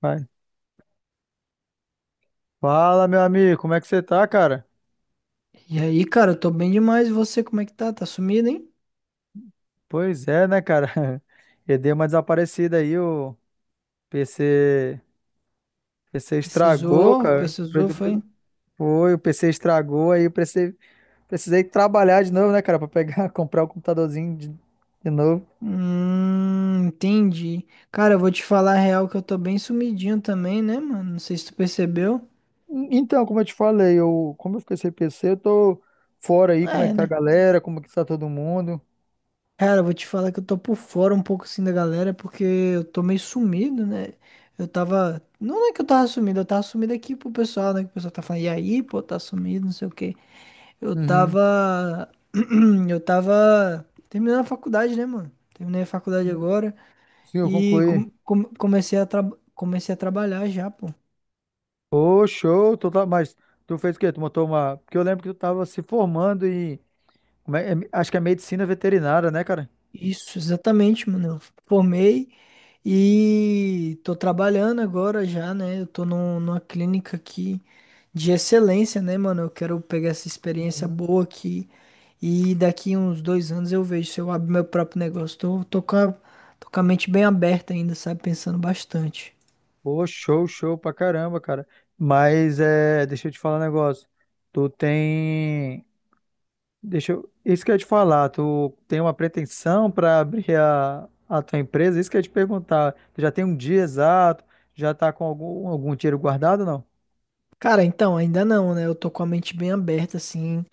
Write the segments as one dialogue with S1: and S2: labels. S1: Vai. Fala, meu amigo, como é que você tá, cara?
S2: E aí, cara, eu tô bem demais. E você, como é que tá? Tá sumido, hein?
S1: Pois é, né, cara? Eu dei uma desaparecida aí, o PC, PC estragou,
S2: Precisou,
S1: cara.
S2: precisou, foi?
S1: Foi, o PC estragou aí, eu precisei trabalhar de novo, né, cara, pra pegar, comprar o computadorzinho de novo.
S2: Entendi. Cara, eu vou te falar a real que eu tô bem sumidinho também, né, mano? Não sei se tu percebeu.
S1: Então, como eu te falei, como eu fiquei sem PC, eu tô fora aí, como é
S2: É,
S1: que tá a
S2: né?
S1: galera, como é que tá todo mundo?
S2: Cara, eu vou te falar que eu tô por fora um pouco assim da galera, porque eu tô meio sumido, né? Eu tava. Não é que eu tava sumido aqui pro pessoal, né? Que o pessoal tá falando, e aí, pô, tá sumido, não sei o quê. Eu
S1: Uhum.
S2: tava. Eu tava terminando a faculdade, né, mano? Terminei a faculdade agora.
S1: Sim, eu concluí.
S2: Comecei a comecei a trabalhar já, pô.
S1: Ô, show, tu tá, mas tu fez o quê? Tu montou uma. Porque eu lembro que tu tava se formando em. Acho que é medicina veterinária, né, cara?
S2: Isso, exatamente, mano. Eu formei e tô trabalhando agora já, né? Numa clínica aqui de excelência, né, mano? Eu quero pegar essa experiência
S1: Uhum.
S2: boa aqui e daqui uns 2 anos eu vejo se eu abro meu próprio negócio. Tô com a mente bem aberta ainda, sabe? Pensando bastante.
S1: Pô, show, show pra caramba, cara. Mas é, deixa eu te falar um negócio. Tu tem. Deixa eu. Isso que eu ia te falar, tu tem uma pretensão pra abrir a tua empresa? Isso que eu ia te perguntar. Tu já tem um dia exato? Já tá com algum dinheiro guardado, ou não?
S2: Cara, então, ainda não, né? Eu tô com a mente bem aberta, assim.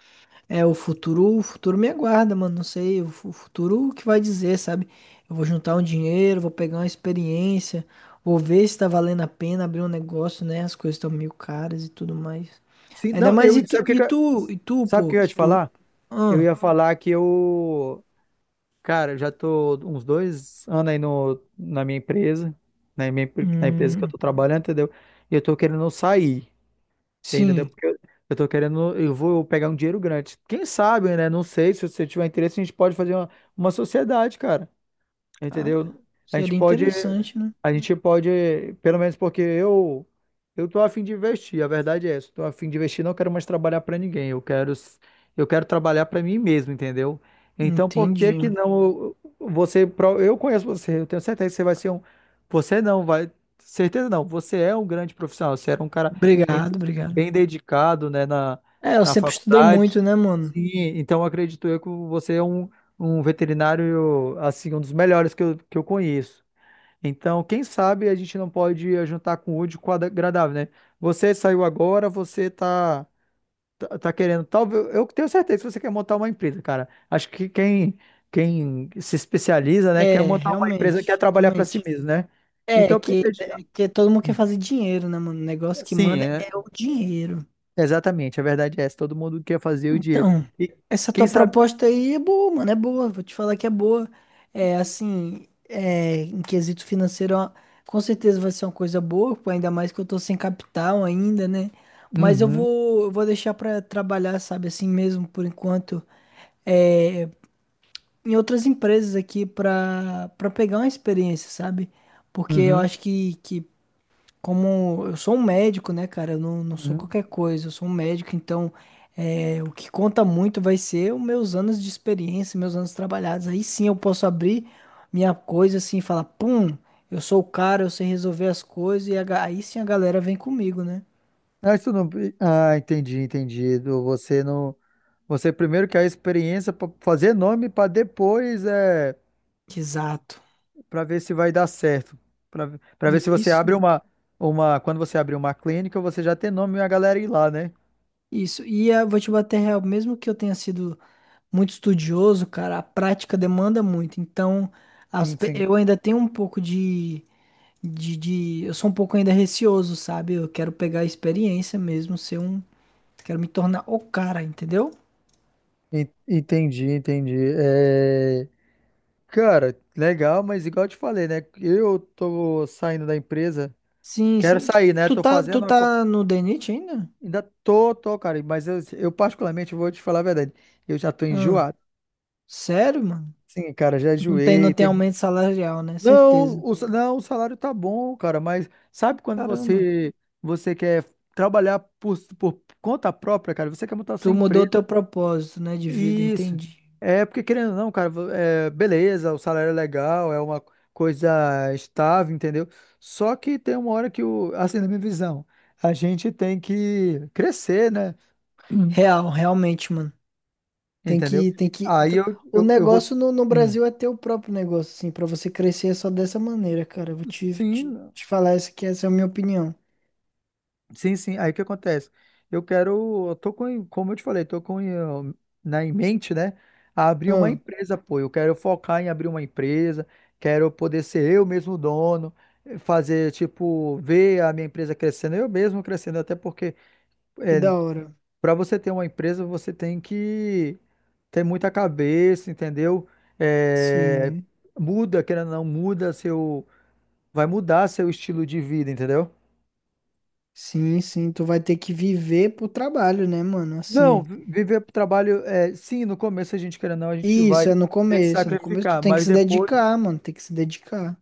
S2: O futuro me aguarda, mano. Não sei, o futuro que vai dizer, sabe? Eu vou juntar um dinheiro, vou pegar uma experiência, vou ver se tá valendo a pena abrir um negócio, né? As coisas estão meio caras e tudo mais.
S1: Sim,
S2: Ainda
S1: não, eu.
S2: mais e tu,
S1: Sabe o que
S2: pô,
S1: eu ia
S2: que
S1: te
S2: tu.
S1: falar? Eu
S2: Ah,
S1: ia falar que eu. Cara, eu já tô uns 2 anos aí no, na minha empresa, na minha na empresa que eu
S2: hum,
S1: tô trabalhando, entendeu? E eu tô querendo sair, entendeu?
S2: sim,
S1: Porque eu tô querendo, eu vou pegar um dinheiro grande. Quem sabe, né? Não sei, se você tiver interesse, a gente pode fazer uma sociedade, cara.
S2: cara,
S1: Entendeu? A gente
S2: seria
S1: pode,
S2: interessante, né?
S1: a gente pode, pelo menos porque eu tô a fim de investir, a verdade é essa. Eu tô a fim de investir, não quero mais trabalhar para ninguém. Eu quero trabalhar para mim mesmo, entendeu? Então, por que
S2: Entendi.
S1: que não você, pro- eu conheço você, eu tenho certeza que você vai ser um, você não vai, certeza não, você é um grande profissional, você era um cara bem,
S2: Obrigado, obrigado.
S1: bem dedicado, né, na,
S2: É, eu
S1: na
S2: sempre estudei
S1: faculdade.
S2: muito, né, mano?
S1: Sim, então acredito eu que você é um veterinário, assim, um dos melhores que eu conheço. Então, quem sabe a gente não pode juntar com o útil com o agradável, né? Você saiu agora, você tá querendo, talvez, eu tenho certeza que você quer montar uma empresa, cara. Acho que quem se especializa, né, quer
S2: É,
S1: montar uma empresa, quer
S2: realmente,
S1: trabalhar para si
S2: realmente.
S1: mesmo, né? Então, por que que a gente...
S2: É que todo mundo quer fazer dinheiro, né, mano? O negócio que
S1: Sim,
S2: manda
S1: é,
S2: é o dinheiro.
S1: exatamente, a verdade é essa, todo mundo quer fazer o dinheiro.
S2: Então,
S1: E
S2: essa
S1: quem
S2: tua
S1: sabe...
S2: proposta aí é boa, mano, é boa. Vou te falar que é boa. Em quesito financeiro, ó, com certeza vai ser uma coisa boa, pô, ainda mais que eu tô sem capital ainda, né? Mas
S1: Uhum,
S2: eu vou deixar pra trabalhar, sabe, assim mesmo, por enquanto, é, em outras empresas aqui pra pegar uma experiência, sabe? Porque eu
S1: uhum,
S2: acho que como eu sou um médico, né, cara? Eu não, não sou
S1: uhum.
S2: qualquer coisa, eu sou um médico, então é, o que conta muito vai ser os meus anos de experiência, meus anos trabalhados. Aí sim eu posso abrir minha coisa assim e falar, pum, eu sou o cara, eu sei resolver as coisas, e aí sim a galera vem comigo, né?
S1: Não, isso não. Ah, entendi, entendi. Você não. Você primeiro quer a experiência para fazer nome para depois
S2: Exato.
S1: para ver se vai dar certo. Para ver se você
S2: Isso,
S1: abre uma quando você abrir uma clínica, você já tem nome e a galera ir lá, né?
S2: isso. E eu vou te bater real, mesmo que eu tenha sido muito estudioso, cara, a prática demanda muito. Então,
S1: Sim, sim.
S2: eu ainda tenho um pouco de eu sou um pouco ainda receoso, sabe? Eu quero pegar a experiência mesmo, ser um. Quero me tornar o cara, entendeu?
S1: Entendi, entendi. É, cara, legal, mas igual eu te falei, né? Eu tô saindo da empresa,
S2: Sim,
S1: quero
S2: sim. Que-
S1: sair, né? Tô
S2: Tu
S1: fazendo uma co-
S2: tá no DNIT ainda?
S1: ainda tô, cara, mas eu particularmente vou te falar a verdade. Eu já tô
S2: Ah,
S1: enjoado.
S2: sério, mano?
S1: Sim, cara, já
S2: Não tem, não
S1: enjoei.
S2: tem
S1: Tem...
S2: aumento salarial, né?
S1: Não,
S2: Certeza.
S1: não, o salário tá bom, cara, mas sabe quando
S2: Caramba.
S1: você quer trabalhar por conta própria, cara? Você quer montar sua
S2: Tu mudou
S1: empresa.
S2: o teu propósito, né, de vida,
S1: Isso.
S2: entendi.
S1: É porque, querendo ou não, cara, beleza, o salário é legal, é uma coisa estável, entendeu? Só que tem uma hora que, assim, na minha visão, a gente tem que crescer, né?
S2: Real, realmente, mano. Tem
S1: Entendeu?
S2: que, tem que.
S1: Aí
S2: t-
S1: eu,
S2: O
S1: eu, eu vou.
S2: negócio no
S1: Hum.
S2: Brasil é ter o próprio negócio, assim, pra você crescer é só dessa maneira, cara. Eu vou
S1: Sim,
S2: te falar essa que essa é a minha opinião.
S1: sim, sim. Aí o que acontece? Eu quero, eu tô com, como eu te falei, tô com na em mente, né? Abrir uma
S2: Ah,
S1: empresa, pô. Eu quero focar em abrir uma empresa, quero poder ser eu mesmo dono, fazer tipo ver a minha empresa crescendo, eu mesmo crescendo, até porque
S2: que
S1: é,
S2: da hora.
S1: para você ter uma empresa, você tem que ter muita cabeça, entendeu? Eh,
S2: Sim,
S1: muda, querendo ou não, vai mudar seu estilo de vida, entendeu?
S2: sim, sim. Tu vai ter que viver pro trabalho, né, mano?
S1: Não,
S2: Assim.
S1: viver pro trabalho, é, sim, no começo a gente, querendo ou não, a gente vai
S2: Isso, é no
S1: ter que
S2: começo. É no começo tu
S1: sacrificar,
S2: tem que
S1: mas
S2: se
S1: depois,
S2: dedicar, mano. Tem que se dedicar.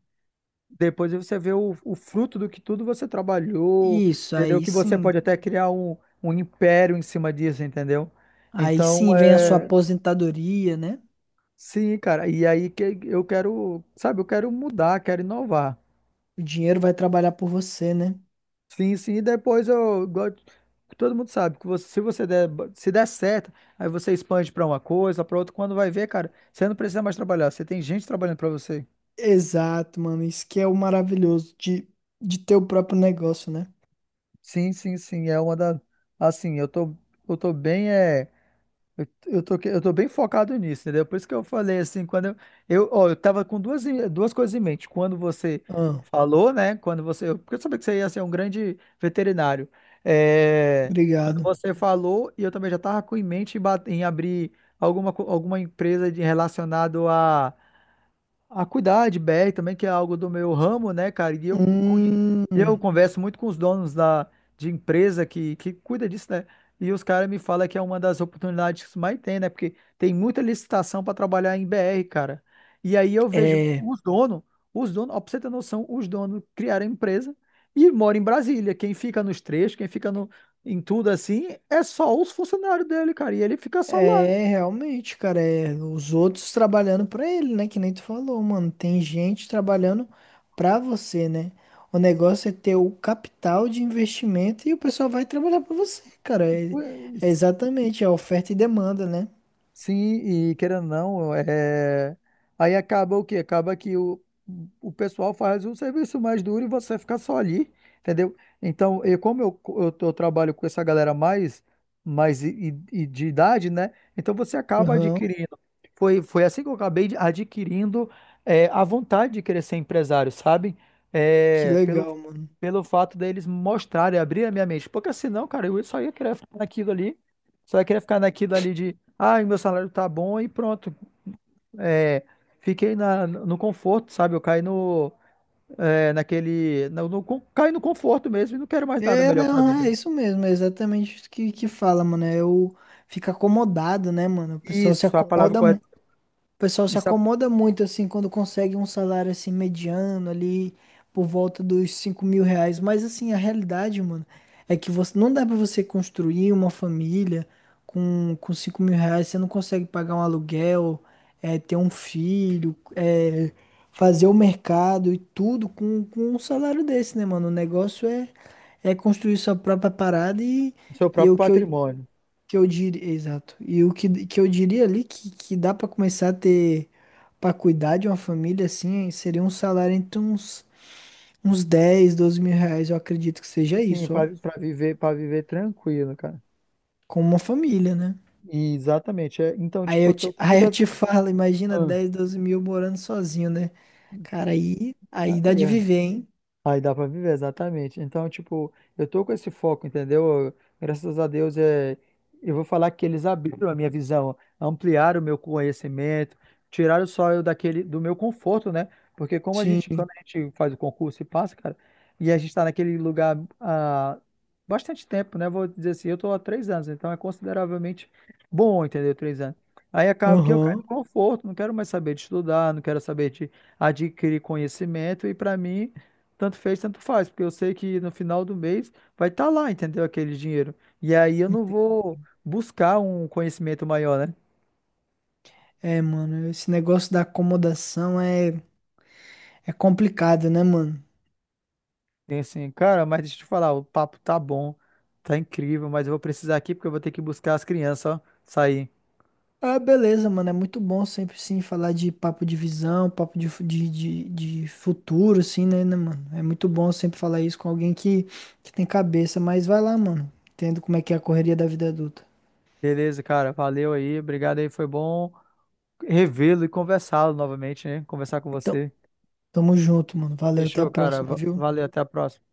S1: depois você vê o fruto do que tudo você trabalhou,
S2: Isso,
S1: entendeu?
S2: aí
S1: Que você
S2: sim.
S1: pode até criar um império em cima disso, entendeu?
S2: Aí
S1: Então,
S2: sim vem a sua
S1: é,
S2: aposentadoria, né?
S1: sim, cara, e aí que eu quero, sabe, eu quero mudar, quero inovar.
S2: O dinheiro vai trabalhar por você, né?
S1: Sim, sim, e depois eu gosto, todo mundo sabe que se der certo, aí você expande para uma coisa, para outra, quando vai ver, cara, você não precisa mais trabalhar, você tem gente trabalhando para você.
S2: Exato, mano. Isso que é o maravilhoso de ter o próprio negócio, né?
S1: Sim, sim, sim, é uma da assim, eu tô bem é eu tô bem focado nisso, entendeu? Por isso que eu falei assim, ó, eu tava com duas coisas em mente. Quando você
S2: Ah,
S1: falou, né? Porque eu sabia que você ia ser um grande veterinário. É, quando
S2: obrigado.
S1: você falou, e eu também já tava com em mente em abrir alguma empresa de relacionado a cuidar de BR também, que é algo do meu ramo, né, cara? E eu, conhe-
S2: Hum,
S1: eu converso muito com os donos da, de empresa que cuida disso, né? E os caras me falam que é uma das oportunidades que mais tem, né? Porque tem muita licitação para trabalhar em BR, cara. E aí eu vejo
S2: é.
S1: os donos, ó, pra você ter noção, os donos criaram a empresa e moram em Brasília. Quem fica nos trechos, quem fica no, em tudo assim, é só os funcionários dele, cara. E ele fica só lá.
S2: É, realmente, cara, é os outros trabalhando pra ele, né? Que nem tu falou, mano. Tem gente trabalhando pra você, né? O negócio é ter o capital de investimento e o pessoal vai trabalhar pra você, cara. É, é exatamente, é oferta e demanda, né?
S1: Sim, e querendo ou não, é... aí acaba o quê? Acaba que o pessoal faz um serviço mais duro e você fica só ali, entendeu? Então, eu, como eu, tô- eu trabalho com essa galera mais e, e de idade, né? Então você acaba
S2: Aham,
S1: adquirindo. Foi, assim que eu acabei adquirindo é, a vontade de querer ser empresário, sabe?
S2: que
S1: É, pelo,
S2: legal, mano.
S1: pelo fato deles mostrarem, abrir a minha mente. Porque senão, cara, eu só ia querer ficar naquilo ali. Você vai querer ficar naquilo ali de, ah, meu salário tá bom e pronto. É, fiquei no conforto, sabe? Eu caí no, é, naquele, no, no, con- caí no conforto mesmo e não quero mais nada
S2: É,
S1: melhor pra
S2: não, é
S1: vida.
S2: isso mesmo, é exatamente isso que fala, mano. É o fica acomodado, né, mano? O pessoal se
S1: Isso, a palavra
S2: acomoda.
S1: correta,
S2: O pessoal se
S1: isso é
S2: acomoda muito assim quando consegue um salário assim mediano ali por volta dos R$ 5.000. Mas assim, a realidade, mano, é que você não dá pra você construir uma família com R$ 5.000. Você não consegue pagar um aluguel, é, ter um filho, é, fazer o mercado e tudo com um salário desse, né, mano? É construir sua própria parada
S1: o seu
S2: e é
S1: próprio
S2: o
S1: patrimônio.
S2: que eu diria, exato. E o que, que eu diria ali que dá pra começar a ter pra cuidar de uma família assim, seria um salário uns R$ 10.000 R$ 12.000, eu acredito que seja
S1: Sim,
S2: isso, ó.
S1: pra viver, para viver tranquilo, cara.
S2: Com uma família, né?
S1: Exatamente. Então, tipo, eu tô com
S2: Aí eu
S1: muita.
S2: te falo, imagina 10.000 12.000 morando sozinho, né?
S1: Ah,
S2: Aí dá de viver, hein?
S1: aí dá pra viver, exatamente. Então, tipo, eu tô com esse foco, entendeu? Graças a Deus, eu vou falar que eles abriram a minha visão, ampliaram o meu conhecimento, tiraram só eu do meu conforto, né? Porque como a gente,
S2: Sim.
S1: quando a gente faz o concurso e passa, cara, e a gente tá naquele lugar há bastante tempo, né? Vou dizer assim, eu tô há 3 anos, então é consideravelmente bom, entendeu? 3 anos. Aí acaba que eu caio no
S2: Aham.
S1: conforto, não quero mais saber de estudar, não quero saber de adquirir conhecimento, e pra mim. Tanto fez, tanto faz, porque eu sei que no final do mês vai estar lá, entendeu? Aquele dinheiro. E aí eu não
S2: Ente-
S1: vou buscar um conhecimento maior, né?
S2: É, mano, esse negócio da acomodação é complicado, né, mano?
S1: Tem assim, cara, mas deixa eu te falar, o papo tá bom, tá incrível, mas eu vou precisar aqui porque eu vou ter que buscar as crianças, ó, sair.
S2: Ah, beleza, mano. É muito bom sempre, sim, falar de papo de visão, papo de, fu- de futuro, assim, né, mano? É muito bom sempre falar isso com alguém que tem cabeça. Mas vai lá, mano. Entendo como é que é a correria da vida adulta.
S1: Beleza, cara, valeu aí, obrigado aí, foi bom revê-lo e conversá-lo novamente, né? Conversar com
S2: Então,
S1: você.
S2: tamo junto, mano. Valeu, até a
S1: Fechou, cara,
S2: próxima, viu?
S1: valeu, até a próxima.